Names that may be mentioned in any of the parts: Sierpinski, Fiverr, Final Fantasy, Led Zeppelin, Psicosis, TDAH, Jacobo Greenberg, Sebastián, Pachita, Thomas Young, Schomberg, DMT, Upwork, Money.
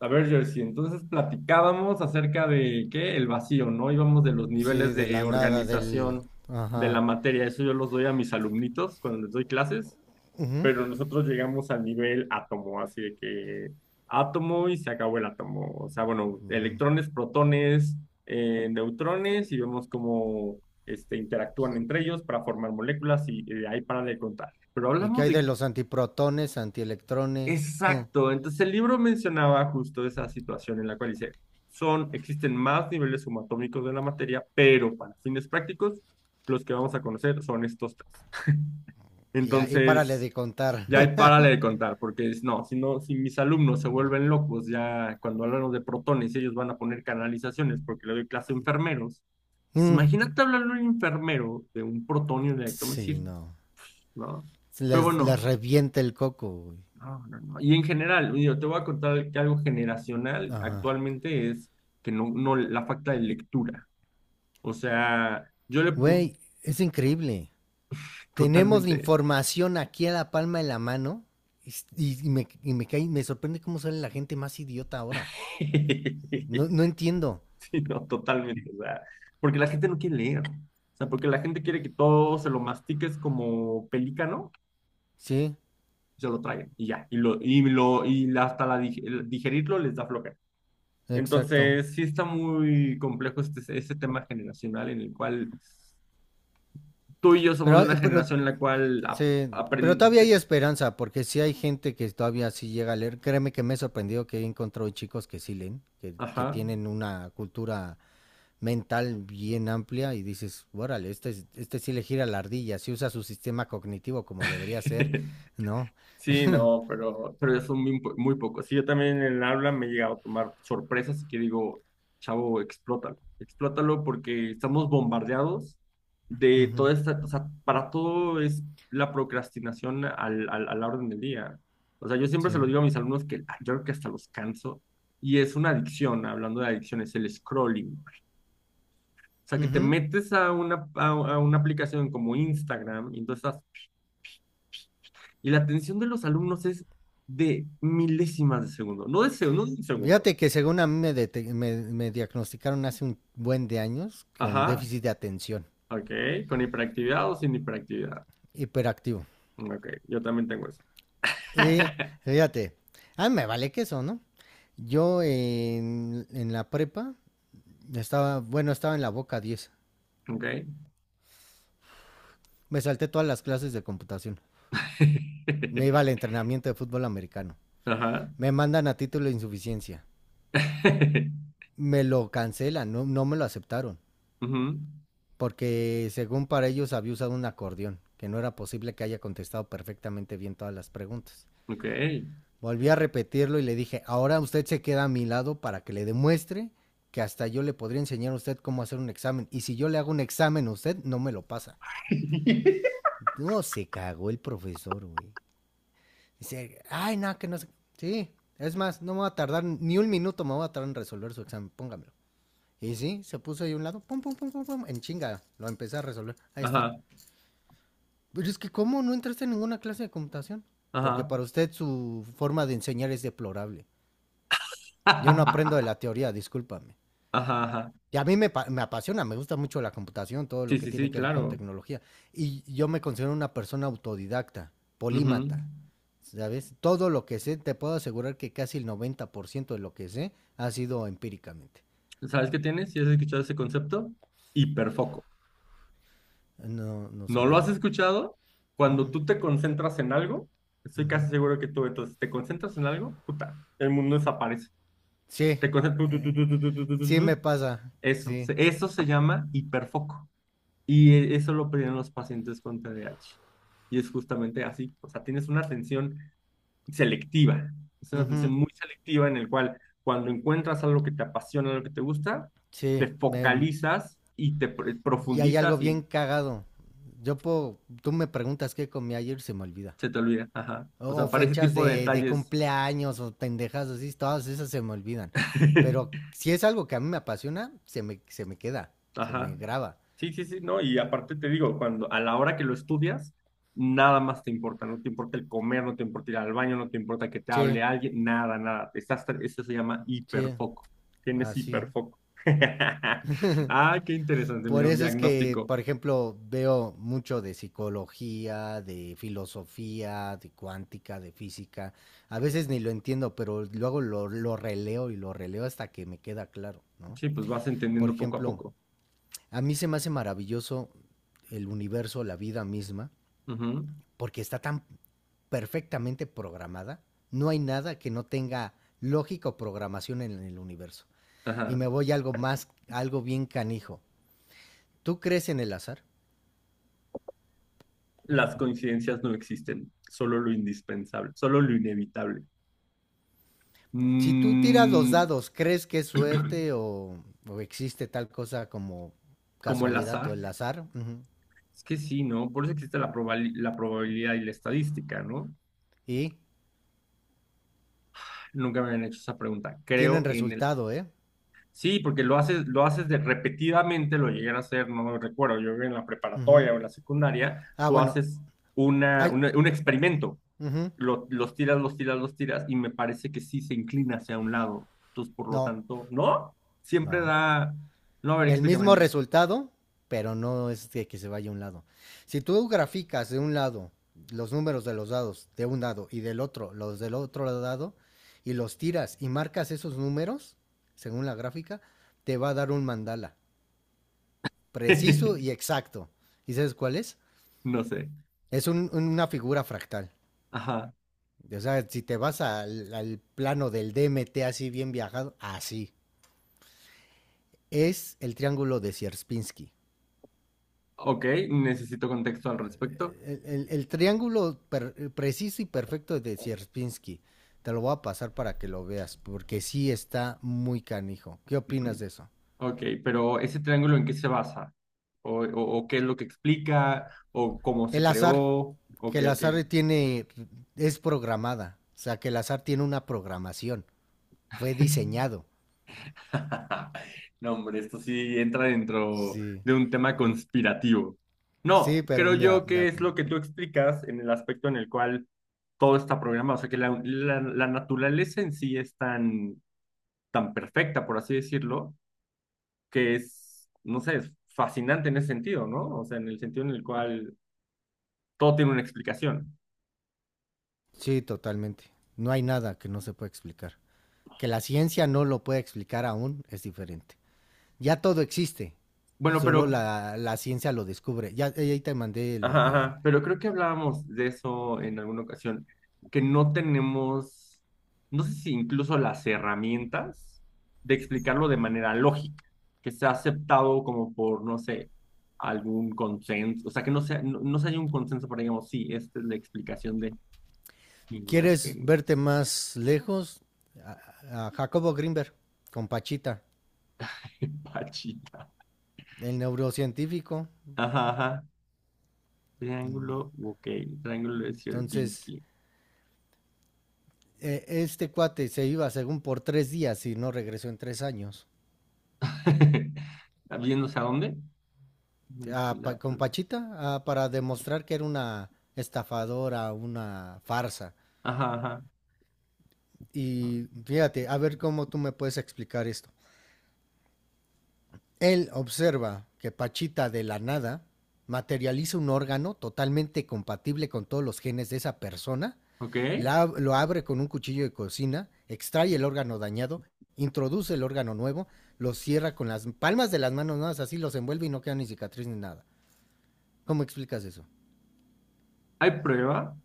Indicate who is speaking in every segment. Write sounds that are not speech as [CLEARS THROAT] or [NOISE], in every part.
Speaker 1: A ver, Jersey, entonces platicábamos acerca de qué, el vacío, ¿no? Íbamos de los
Speaker 2: Sí,
Speaker 1: niveles
Speaker 2: de
Speaker 1: de
Speaker 2: la nada,
Speaker 1: organización de la
Speaker 2: Ajá.
Speaker 1: materia, eso yo los doy a mis alumnitos cuando les doy clases, pero nosotros llegamos al nivel átomo, así de que átomo y se acabó el átomo, o sea, bueno, electrones, protones, neutrones y vemos cómo interactúan entre ellos para formar moléculas y de ahí para de contar. Pero
Speaker 2: ¿Y qué
Speaker 1: hablamos
Speaker 2: hay de
Speaker 1: de
Speaker 2: los antiprotones, antielectrones?
Speaker 1: exacto. Entonces el libro mencionaba justo esa situación en la cual dice, son, existen más niveles subatómicos de la materia, pero para fines prácticos, los que vamos a conocer son estos tres.
Speaker 2: Y ahí párale
Speaker 1: Entonces,
Speaker 2: de contar.
Speaker 1: ya ahí
Speaker 2: [LAUGHS]
Speaker 1: párale de contar, porque es, no, si no, si mis alumnos se vuelven locos, ya cuando hablamos de protones, ellos van a poner canalizaciones porque le doy clase a enfermeros. Pues
Speaker 2: Mm,
Speaker 1: imagínate hablarle a un enfermero de un protonio de
Speaker 2: sí,
Speaker 1: decir,
Speaker 2: no.
Speaker 1: ¿no? Pero
Speaker 2: Les
Speaker 1: bueno,
Speaker 2: revienta el coco, güey.
Speaker 1: no, no, no. Y en general, yo te voy a contar que algo generacional
Speaker 2: Ajá.
Speaker 1: actualmente es que no, no, la falta de lectura. O sea, yo le pu-
Speaker 2: Güey, es increíble. Tenemos la
Speaker 1: totalmente,
Speaker 2: información aquí a la palma de la mano me sorprende cómo sale la gente más idiota ahora.
Speaker 1: [LAUGHS]
Speaker 2: No,
Speaker 1: sí,
Speaker 2: no entiendo.
Speaker 1: no, totalmente, o sea, porque la gente no quiere leer. O sea, porque la gente quiere que todo se lo mastiques como pelícano,
Speaker 2: Sí,
Speaker 1: se lo traguen y ya, y lo, y la- hasta la dig- el digerirlo les da flojera.
Speaker 2: exacto.
Speaker 1: Entonces, sí está muy complejo este tema generacional en el cual tú y yo somos de
Speaker 2: Pero,
Speaker 1: una
Speaker 2: pero
Speaker 1: generación en la cual
Speaker 2: sí, pero todavía
Speaker 1: aprende...
Speaker 2: hay esperanza, porque sí hay gente que todavía sí llega a leer. Créeme que me he sorprendido que he encontrado chicos que sí leen, que
Speaker 1: Ajá.
Speaker 2: tienen una cultura mental bien amplia y dices, órale, este sí le gira la ardilla, sí usa su sistema cognitivo como debería ser,
Speaker 1: [LAUGHS]
Speaker 2: ¿no?
Speaker 1: Sí, no, pero ya son muy, po- muy pocos. Sí, yo también en el aula me he llegado a tomar sorpresas y que digo, chavo, explótalo. Explótalo porque estamos bombardeados de
Speaker 2: Ujú,
Speaker 1: toda esta, o sea, para todo es la procrastinación a la orden del día. O sea, yo siempre se
Speaker 2: sí.
Speaker 1: lo digo a mis alumnos que yo creo que hasta los canso y es una adicción, hablando de adicciones, el scrolling. O sea, que te
Speaker 2: Ujú.
Speaker 1: metes a una, a una aplicación como Instagram y entonces estás- y la atención de los alumnos es de milésimas de segundo, no de segundo, no de segundo.
Speaker 2: Fíjate que según a mí me, dete- me me diagnosticaron hace un buen de años con
Speaker 1: Ajá,
Speaker 2: déficit de atención,
Speaker 1: ok, con hiperactividad o sin hiperactividad.
Speaker 2: hiperactivo.
Speaker 1: Ok, yo también tengo eso.
Speaker 2: Sí,
Speaker 1: [LAUGHS]
Speaker 2: fíjate. A mí me vale queso, ¿no? Yo en la prepa estaba, bueno, estaba en la Boca diez.
Speaker 1: Ok.
Speaker 2: Me salté todas las clases de computación. Me iba al
Speaker 1: [LAUGHS]
Speaker 2: entrenamiento de fútbol americano.
Speaker 1: Ajá.
Speaker 2: Me mandan a título de insuficiencia.
Speaker 1: [LAUGHS]
Speaker 2: Me lo cancelan, no, no me lo aceptaron.
Speaker 1: Ujú,
Speaker 2: Porque según para ellos había usado un acordeón, que no era posible que haya contestado perfectamente bien todas las preguntas.
Speaker 1: ok.
Speaker 2: Volví a repetirlo y le dije, ahora usted se queda a mi lado para que le demuestre que hasta yo le podría enseñar a usted cómo hacer un examen. Y si yo le hago un examen a usted, no me lo pasa.
Speaker 1: [LAUGHS]
Speaker 2: No, se cagó el profesor, güey. Dice, ay, no, que no sé. Sí, es más, no me va a tardar ni un minuto, me va a tardar en resolver su examen, póngamelo. Y sí, se puso ahí a un lado, pum, pum, pum, pum, pum, en chinga, lo empecé a resolver. Ahí está.
Speaker 1: Ajá,
Speaker 2: Pero es que, ¿cómo no entraste en ninguna clase de computación? Porque
Speaker 1: ajá.
Speaker 2: para usted su forma de enseñar es deplorable.
Speaker 1: [LAUGHS]
Speaker 2: Yo no aprendo de
Speaker 1: Ajá,
Speaker 2: la teoría, discúlpame.
Speaker 1: ajá.
Speaker 2: Y a mí me apasiona, me gusta mucho la computación, todo
Speaker 1: Sí,
Speaker 2: lo que
Speaker 1: sí, sí,
Speaker 2: tiene que ver con
Speaker 1: claro.
Speaker 2: tecnología. Y yo me considero una persona autodidacta,
Speaker 1: Ujú.
Speaker 2: polímata, ¿sabes? Todo lo que sé, te puedo asegurar que casi el 90% de lo que sé ha sido empíricamente.
Speaker 1: ¿Sabes qué tienes, si has escuchado ese concepto? Hiperfoco.
Speaker 2: No, no
Speaker 1: ¿No lo has
Speaker 2: sabía.
Speaker 1: escuchado?
Speaker 2: Mm,
Speaker 1: Cuando
Speaker 2: mm,
Speaker 1: tú te concentras en algo, estoy
Speaker 2: ujú.
Speaker 1: casi seguro que tú, entonces, te concentras en algo, puta, el mundo desaparece.
Speaker 2: Sí,
Speaker 1: Te concentras, tu, tu, tu,
Speaker 2: eh,
Speaker 1: tu, tu, tu, tu,
Speaker 2: sí
Speaker 1: tu, tu.
Speaker 2: me pasa,
Speaker 1: Eso,
Speaker 2: sí.
Speaker 1: eso se llama hiperfoco. Y eso lo piden los pacientes con TDAH. Y es justamente así, o sea, tienes una atención selectiva, es una atención
Speaker 2: Ujú,
Speaker 1: muy selectiva en el cual cuando encuentras algo que te apasiona, algo que te gusta,
Speaker 2: sí,
Speaker 1: te focalizas y te pr-
Speaker 2: y hay algo
Speaker 1: profundizas
Speaker 2: bien
Speaker 1: y
Speaker 2: cagado. Yo puedo, tú me preguntas qué comí ayer y se me olvida.
Speaker 1: se te olvida. Ajá.
Speaker 2: O,
Speaker 1: O
Speaker 2: o
Speaker 1: sea, para ese
Speaker 2: fechas
Speaker 1: tipo
Speaker 2: de,
Speaker 1: de
Speaker 2: de
Speaker 1: detalles
Speaker 2: cumpleaños o pendejas así, todas esas se me olvidan. Pero
Speaker 1: [LAUGHS]
Speaker 2: si es algo que a mí me apasiona, se me queda, se me
Speaker 1: ajá.
Speaker 2: graba.
Speaker 1: Sí, sí, sí, no, y aparte te digo, cuando a la hora que lo estudias, nada más te importa, no te importa el comer, no te importa ir al baño, no te importa que te
Speaker 2: Sí,
Speaker 1: hable alguien, nada, nada. Estás, tra- eso se llama
Speaker 2: sí,
Speaker 1: hiperfoco. Tienes
Speaker 2: así.
Speaker 1: hiperfoco. [LAUGHS] Ah, qué interesante,
Speaker 2: Por
Speaker 1: mira, un
Speaker 2: eso es que,
Speaker 1: diagnóstico.
Speaker 2: por ejemplo, veo mucho de psicología, de filosofía, de cuántica, de física. A veces ni lo entiendo, pero luego lo releo y lo releo hasta que me queda claro, ¿no?
Speaker 1: Sí, pues vas
Speaker 2: Por
Speaker 1: entendiendo poco a
Speaker 2: ejemplo,
Speaker 1: poco.
Speaker 2: a mí se me hace maravilloso el universo, la vida misma,
Speaker 1: Ujú.
Speaker 2: porque está tan perfectamente programada, no hay nada que no tenga lógica o programación en el universo. Y
Speaker 1: Ajá.
Speaker 2: me voy a algo más, algo bien canijo. ¿Tú crees en el azar?
Speaker 1: Las coincidencias no existen, solo lo indispensable, solo lo inevitable.
Speaker 2: Si tú tiras los
Speaker 1: Mm,
Speaker 2: dados, ¿crees que es suerte o existe tal cosa como
Speaker 1: Como el
Speaker 2: casualidad o
Speaker 1: azar.
Speaker 2: el azar? Ujú.
Speaker 1: Es que sí, ¿no? Por eso existe la la probabilidad y la estadística, ¿no?
Speaker 2: Y
Speaker 1: Nunca me habían hecho esa pregunta.
Speaker 2: tienen
Speaker 1: Creo en el...
Speaker 2: resultado, ¿eh?
Speaker 1: Sí, porque lo haces de repetidamente, lo llegué a hacer, no lo recuerdo, yo en la
Speaker 2: Ujú.
Speaker 1: preparatoria o en la secundaria,
Speaker 2: Ah,
Speaker 1: tú
Speaker 2: bueno,
Speaker 1: haces una,
Speaker 2: hay-
Speaker 1: una- un experimento,
Speaker 2: ujú.
Speaker 1: los tiras, los tiras, los tiras, y me parece que sí se inclina hacia un lado. Entonces, por lo
Speaker 2: No,
Speaker 1: tanto, ¿no? Siempre
Speaker 2: no.
Speaker 1: da... No, a ver,
Speaker 2: El mismo
Speaker 1: explícame.
Speaker 2: resultado, pero no es que se vaya a un lado. Si tú graficas de un lado los números de los dados de un lado y del otro los del otro lado y los tiras y marcas esos números, según la gráfica, te va a dar un mandala preciso y
Speaker 1: [LAUGHS]
Speaker 2: exacto. ¿Y sabes cuál es?
Speaker 1: No sé.
Speaker 2: Es una figura fractal.
Speaker 1: Ajá.
Speaker 2: O sea, si te vas al plano del DMT así bien viajado, así. Es el triángulo de Sierpinski.
Speaker 1: Ok, necesito contexto al respecto.
Speaker 2: El triángulo preciso y perfecto de Sierpinski. Te lo voy a pasar para que lo veas, porque sí está muy canijo. ¿Qué opinas de eso?
Speaker 1: Ok, pero ese triángulo ¿en qué se basa? ¿O qué es lo que explica? ¿O cómo se
Speaker 2: El azar,
Speaker 1: creó? ¿O
Speaker 2: que
Speaker 1: qué,
Speaker 2: el
Speaker 1: o qué?
Speaker 2: azar tiene, es programada, o sea, que el azar tiene una programación, fue
Speaker 1: [LAUGHS]
Speaker 2: diseñado.
Speaker 1: No, hombre, esto sí entra dentro
Speaker 2: Sí,
Speaker 1: de un tema conspirativo. No,
Speaker 2: sí, pero
Speaker 1: creo
Speaker 2: mira,
Speaker 1: yo que es lo que tú explicas en el aspecto en el cual todo está programado. O sea, que la naturaleza en sí es tan, tan perfecta, por así decirlo, que es, no sé, es fascinante en ese sentido, ¿no? O sea, en el sentido en el cual todo tiene una explicación.
Speaker 2: sí, totalmente. No hay nada que no se pueda explicar. Que la ciencia no lo pueda explicar aún es diferente. Ya todo existe.
Speaker 1: Bueno,
Speaker 2: Solo
Speaker 1: pero,
Speaker 2: la ciencia lo descubre. Ya ahí te mandé lo
Speaker 1: ajá,
Speaker 2: de...
Speaker 1: ajá, pero creo que hablábamos de eso en alguna ocasión, que no tenemos, no sé si incluso las herramientas de explicarlo de manera lógica, que sea aceptado como por, no sé, algún consenso, o sea, que no sea, no, no se haya un consenso para, digamos, sí, esta es la explicación de
Speaker 2: ¿Quieres verte
Speaker 1: imágenes.
Speaker 2: más lejos? A Jacobo Greenberg, con Pachita,
Speaker 1: [LAUGHS] Pachita.
Speaker 2: el neurocientífico.
Speaker 1: Ajá, ajá. Triángulo, ok, triángulo de
Speaker 2: Entonces,
Speaker 1: Sierpinski.
Speaker 2: este cuate se iba según por 3 días y no regresó en 3 años.
Speaker 1: [LAUGHS] ¿Viéndose a dónde?
Speaker 2: Con
Speaker 1: Equilatero.
Speaker 2: Pachita para demostrar que era una estafadora, una farsa.
Speaker 1: Ajá, ajá.
Speaker 2: Y fíjate, a ver cómo tú me puedes explicar esto. Él observa que Pachita de la nada materializa un órgano totalmente compatible con todos los genes de esa persona,
Speaker 1: ¿Ok?
Speaker 2: lo abre con un cuchillo de cocina, extrae el órgano dañado, introduce el órgano nuevo, lo cierra con las palmas de las manos, nada más así los envuelve y no queda ni cicatriz ni nada. ¿Cómo explicas eso?
Speaker 1: ¿Hay prueba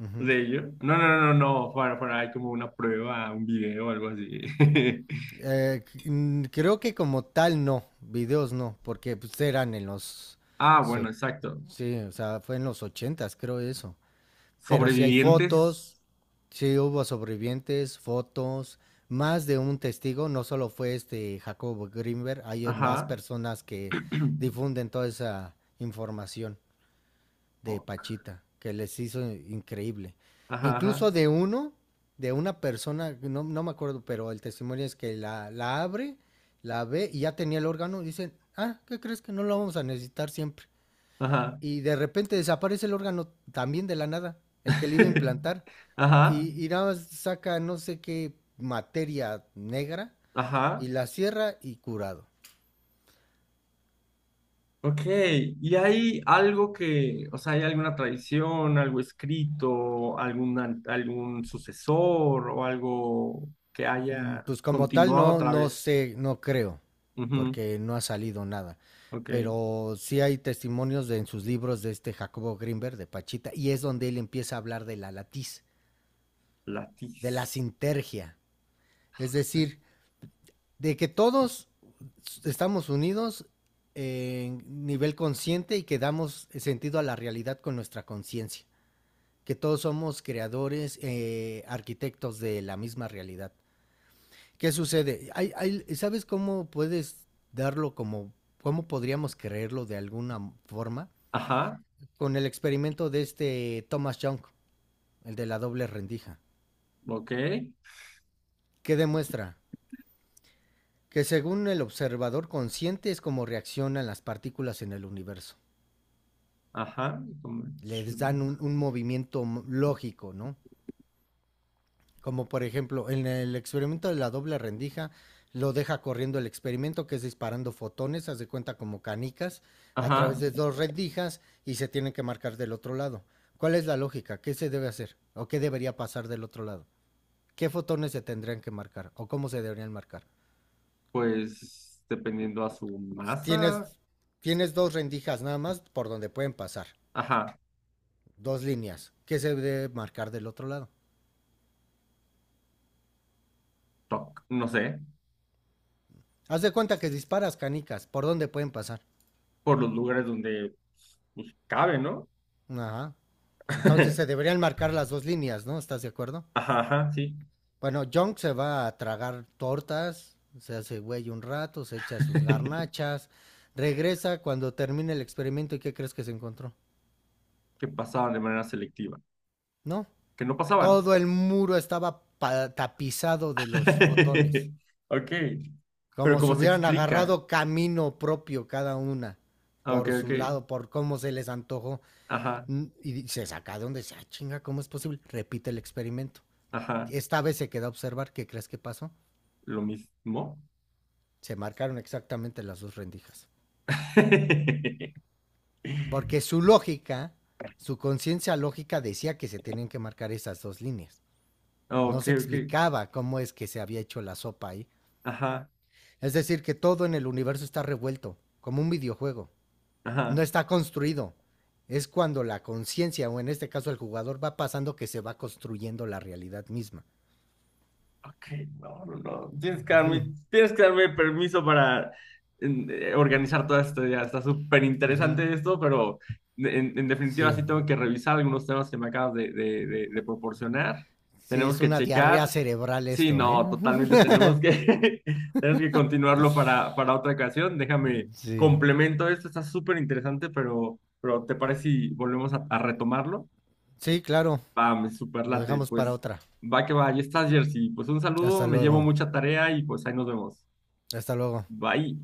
Speaker 2: Ujú.
Speaker 1: de ello? No, no, no, no, no, fuera, fuera, hay como una prueba, un video o algo así. [LAUGHS]
Speaker 2: Eh, creo que como tal no, videos no, porque pues, eran en los...
Speaker 1: Ah, bueno,
Speaker 2: so-
Speaker 1: exacto.
Speaker 2: sí, o sea, fue en los ochentas, creo eso. Pero si hay
Speaker 1: Sobrevivientes.
Speaker 2: fotos, si hubo sobrevivientes, fotos, más de un testigo, no solo fue este Jacobo Greenberg, hay más
Speaker 1: Ajá.
Speaker 2: personas que
Speaker 1: [CLEARS THROAT]
Speaker 2: difunden toda esa información de
Speaker 1: Fuck.
Speaker 2: Pachita, que les hizo increíble.
Speaker 1: Ajá, ajá,
Speaker 2: Incluso de uno, de una persona, no, no me acuerdo, pero el testimonio es que la abre, la ve y ya tenía el órgano, dicen, ah, ¿qué crees que no lo vamos a necesitar siempre?
Speaker 1: ajá.
Speaker 2: Y de repente desaparece el órgano también de la nada, el que le iba a
Speaker 1: [LAUGHS]
Speaker 2: implantar,
Speaker 1: Ajá,
Speaker 2: y nada más saca no sé qué materia negra
Speaker 1: ajá.
Speaker 2: y la cierra y curado.
Speaker 1: Ok, ¿y hay algo que, o sea, hay alguna tradición, algo escrito, algún sucesor o algo que
Speaker 2: Mm.
Speaker 1: haya
Speaker 2: Pues como tal
Speaker 1: continuado
Speaker 2: no,
Speaker 1: otra
Speaker 2: no
Speaker 1: vez?
Speaker 2: sé, no creo,
Speaker 1: Ujú,
Speaker 2: porque no ha salido nada.
Speaker 1: ok.
Speaker 2: Pero sí hay testimonios en sus libros de este Jacobo Greenberg, de Pachita, y es donde él empieza a hablar de la latiz, de la
Speaker 1: Latiz.
Speaker 2: sintergia. Es decir, de que todos estamos unidos en nivel consciente y que damos sentido a la realidad con nuestra conciencia, que todos somos creadores, arquitectos de la misma realidad. ¿Qué sucede? ¿Sabes cómo puedes darlo como, cómo podríamos creerlo de alguna forma?
Speaker 1: Ajá,
Speaker 2: Con el experimento de este Thomas Young, el de la doble rendija.
Speaker 1: ok.
Speaker 2: ¿Qué demuestra? Que según el observador consciente es como reaccionan las partículas en el universo.
Speaker 1: Ajá. Como
Speaker 2: Les dan un movimiento lógico, ¿no? Como por ejemplo, en el experimento de la doble rendija, lo deja corriendo el experimento, que es disparando fotones, haz de cuenta como canicas, a través
Speaker 1: ajá,
Speaker 2: de dos rendijas y se tienen que marcar del otro lado. ¿Cuál es la lógica? ¿Qué se debe hacer? ¿O qué debería pasar del otro lado? ¿Qué fotones se tendrían que marcar? ¿O cómo se deberían marcar?
Speaker 1: pues dependiendo a su
Speaker 2: Tienes,
Speaker 1: masa.
Speaker 2: tienes dos rendijas nada más por donde pueden pasar,
Speaker 1: Ajá,
Speaker 2: dos líneas. ¿Qué se debe marcar del otro lado?
Speaker 1: toc, no sé,
Speaker 2: Haz de cuenta que disparas canicas, ¿por dónde pueden pasar?
Speaker 1: por los lugares donde pues, cabe, ¿no?
Speaker 2: Ajá. Entonces se
Speaker 1: [LAUGHS]
Speaker 2: deberían marcar las dos líneas, ¿no? ¿Estás de acuerdo?
Speaker 1: Ajá, ajá, sí.
Speaker 2: Bueno, Junk se va a tragar tortas, se hace güey un rato, se echa sus
Speaker 1: [LAUGHS]
Speaker 2: garnachas, regresa cuando termine el experimento y ¿qué crees que se encontró?
Speaker 1: Que pasaban de manera selectiva.
Speaker 2: No,
Speaker 1: Que no pasaban.
Speaker 2: todo el muro estaba tapizado de los fotones,
Speaker 1: [LAUGHS] Ok, pero
Speaker 2: como si
Speaker 1: como se
Speaker 2: hubieran
Speaker 1: explica.
Speaker 2: agarrado camino propio cada una,
Speaker 1: Ah, ok,
Speaker 2: por
Speaker 1: ok.
Speaker 2: su lado, por cómo se les antojó.
Speaker 1: Ajá,
Speaker 2: Mm. Y se saca de donde dice, ah, chinga, ¿cómo es posible? Repite el experimento.
Speaker 1: ajá.
Speaker 2: Esta vez se queda a observar, ¿qué crees que pasó?
Speaker 1: Lo mismo.
Speaker 2: Se marcaron exactamente las dos rendijas.
Speaker 1: [LAUGHS]
Speaker 2: Porque su lógica, su conciencia lógica decía que se tenían que marcar esas dos líneas. No
Speaker 1: Ok,
Speaker 2: se
Speaker 1: ok.
Speaker 2: explicaba cómo es que se había hecho la sopa ahí.
Speaker 1: Ajá,
Speaker 2: Es decir, que todo en el universo está revuelto, como un videojuego. No
Speaker 1: ajá.
Speaker 2: está construido. Es cuando la conciencia, o en este caso el jugador, va pasando que se va construyendo la realidad misma.
Speaker 1: Ok, no, no, no. Tienes que darme,
Speaker 2: [LAUGHS]
Speaker 1: tienes que darme permiso para organizar todo esto. Ya está súper
Speaker 2: Ujú.
Speaker 1: interesante esto, pero en definitiva
Speaker 2: Sí.
Speaker 1: sí tengo que revisar algunos temas que me acabas de proporcionar.
Speaker 2: Sí,
Speaker 1: Tenemos
Speaker 2: es
Speaker 1: que
Speaker 2: una diarrea
Speaker 1: checar.
Speaker 2: cerebral
Speaker 1: Sí,
Speaker 2: esto, ¿eh?
Speaker 1: no, totalmente tenemos que, [LAUGHS] tenemos que continuarlo para otra ocasión. Déjame,
Speaker 2: Sí.
Speaker 1: complemento esto, está súper interesante, pero ¿te parece si volvemos a retomarlo?
Speaker 2: Sí, claro.
Speaker 1: Va, me super
Speaker 2: Lo
Speaker 1: late,
Speaker 2: dejamos para
Speaker 1: pues
Speaker 2: otra.
Speaker 1: va que va, ya estás, Jersey. Pues un saludo,
Speaker 2: Hasta
Speaker 1: me llevo
Speaker 2: luego.
Speaker 1: mucha tarea y pues ahí nos vemos.
Speaker 2: Hasta luego.
Speaker 1: Bye.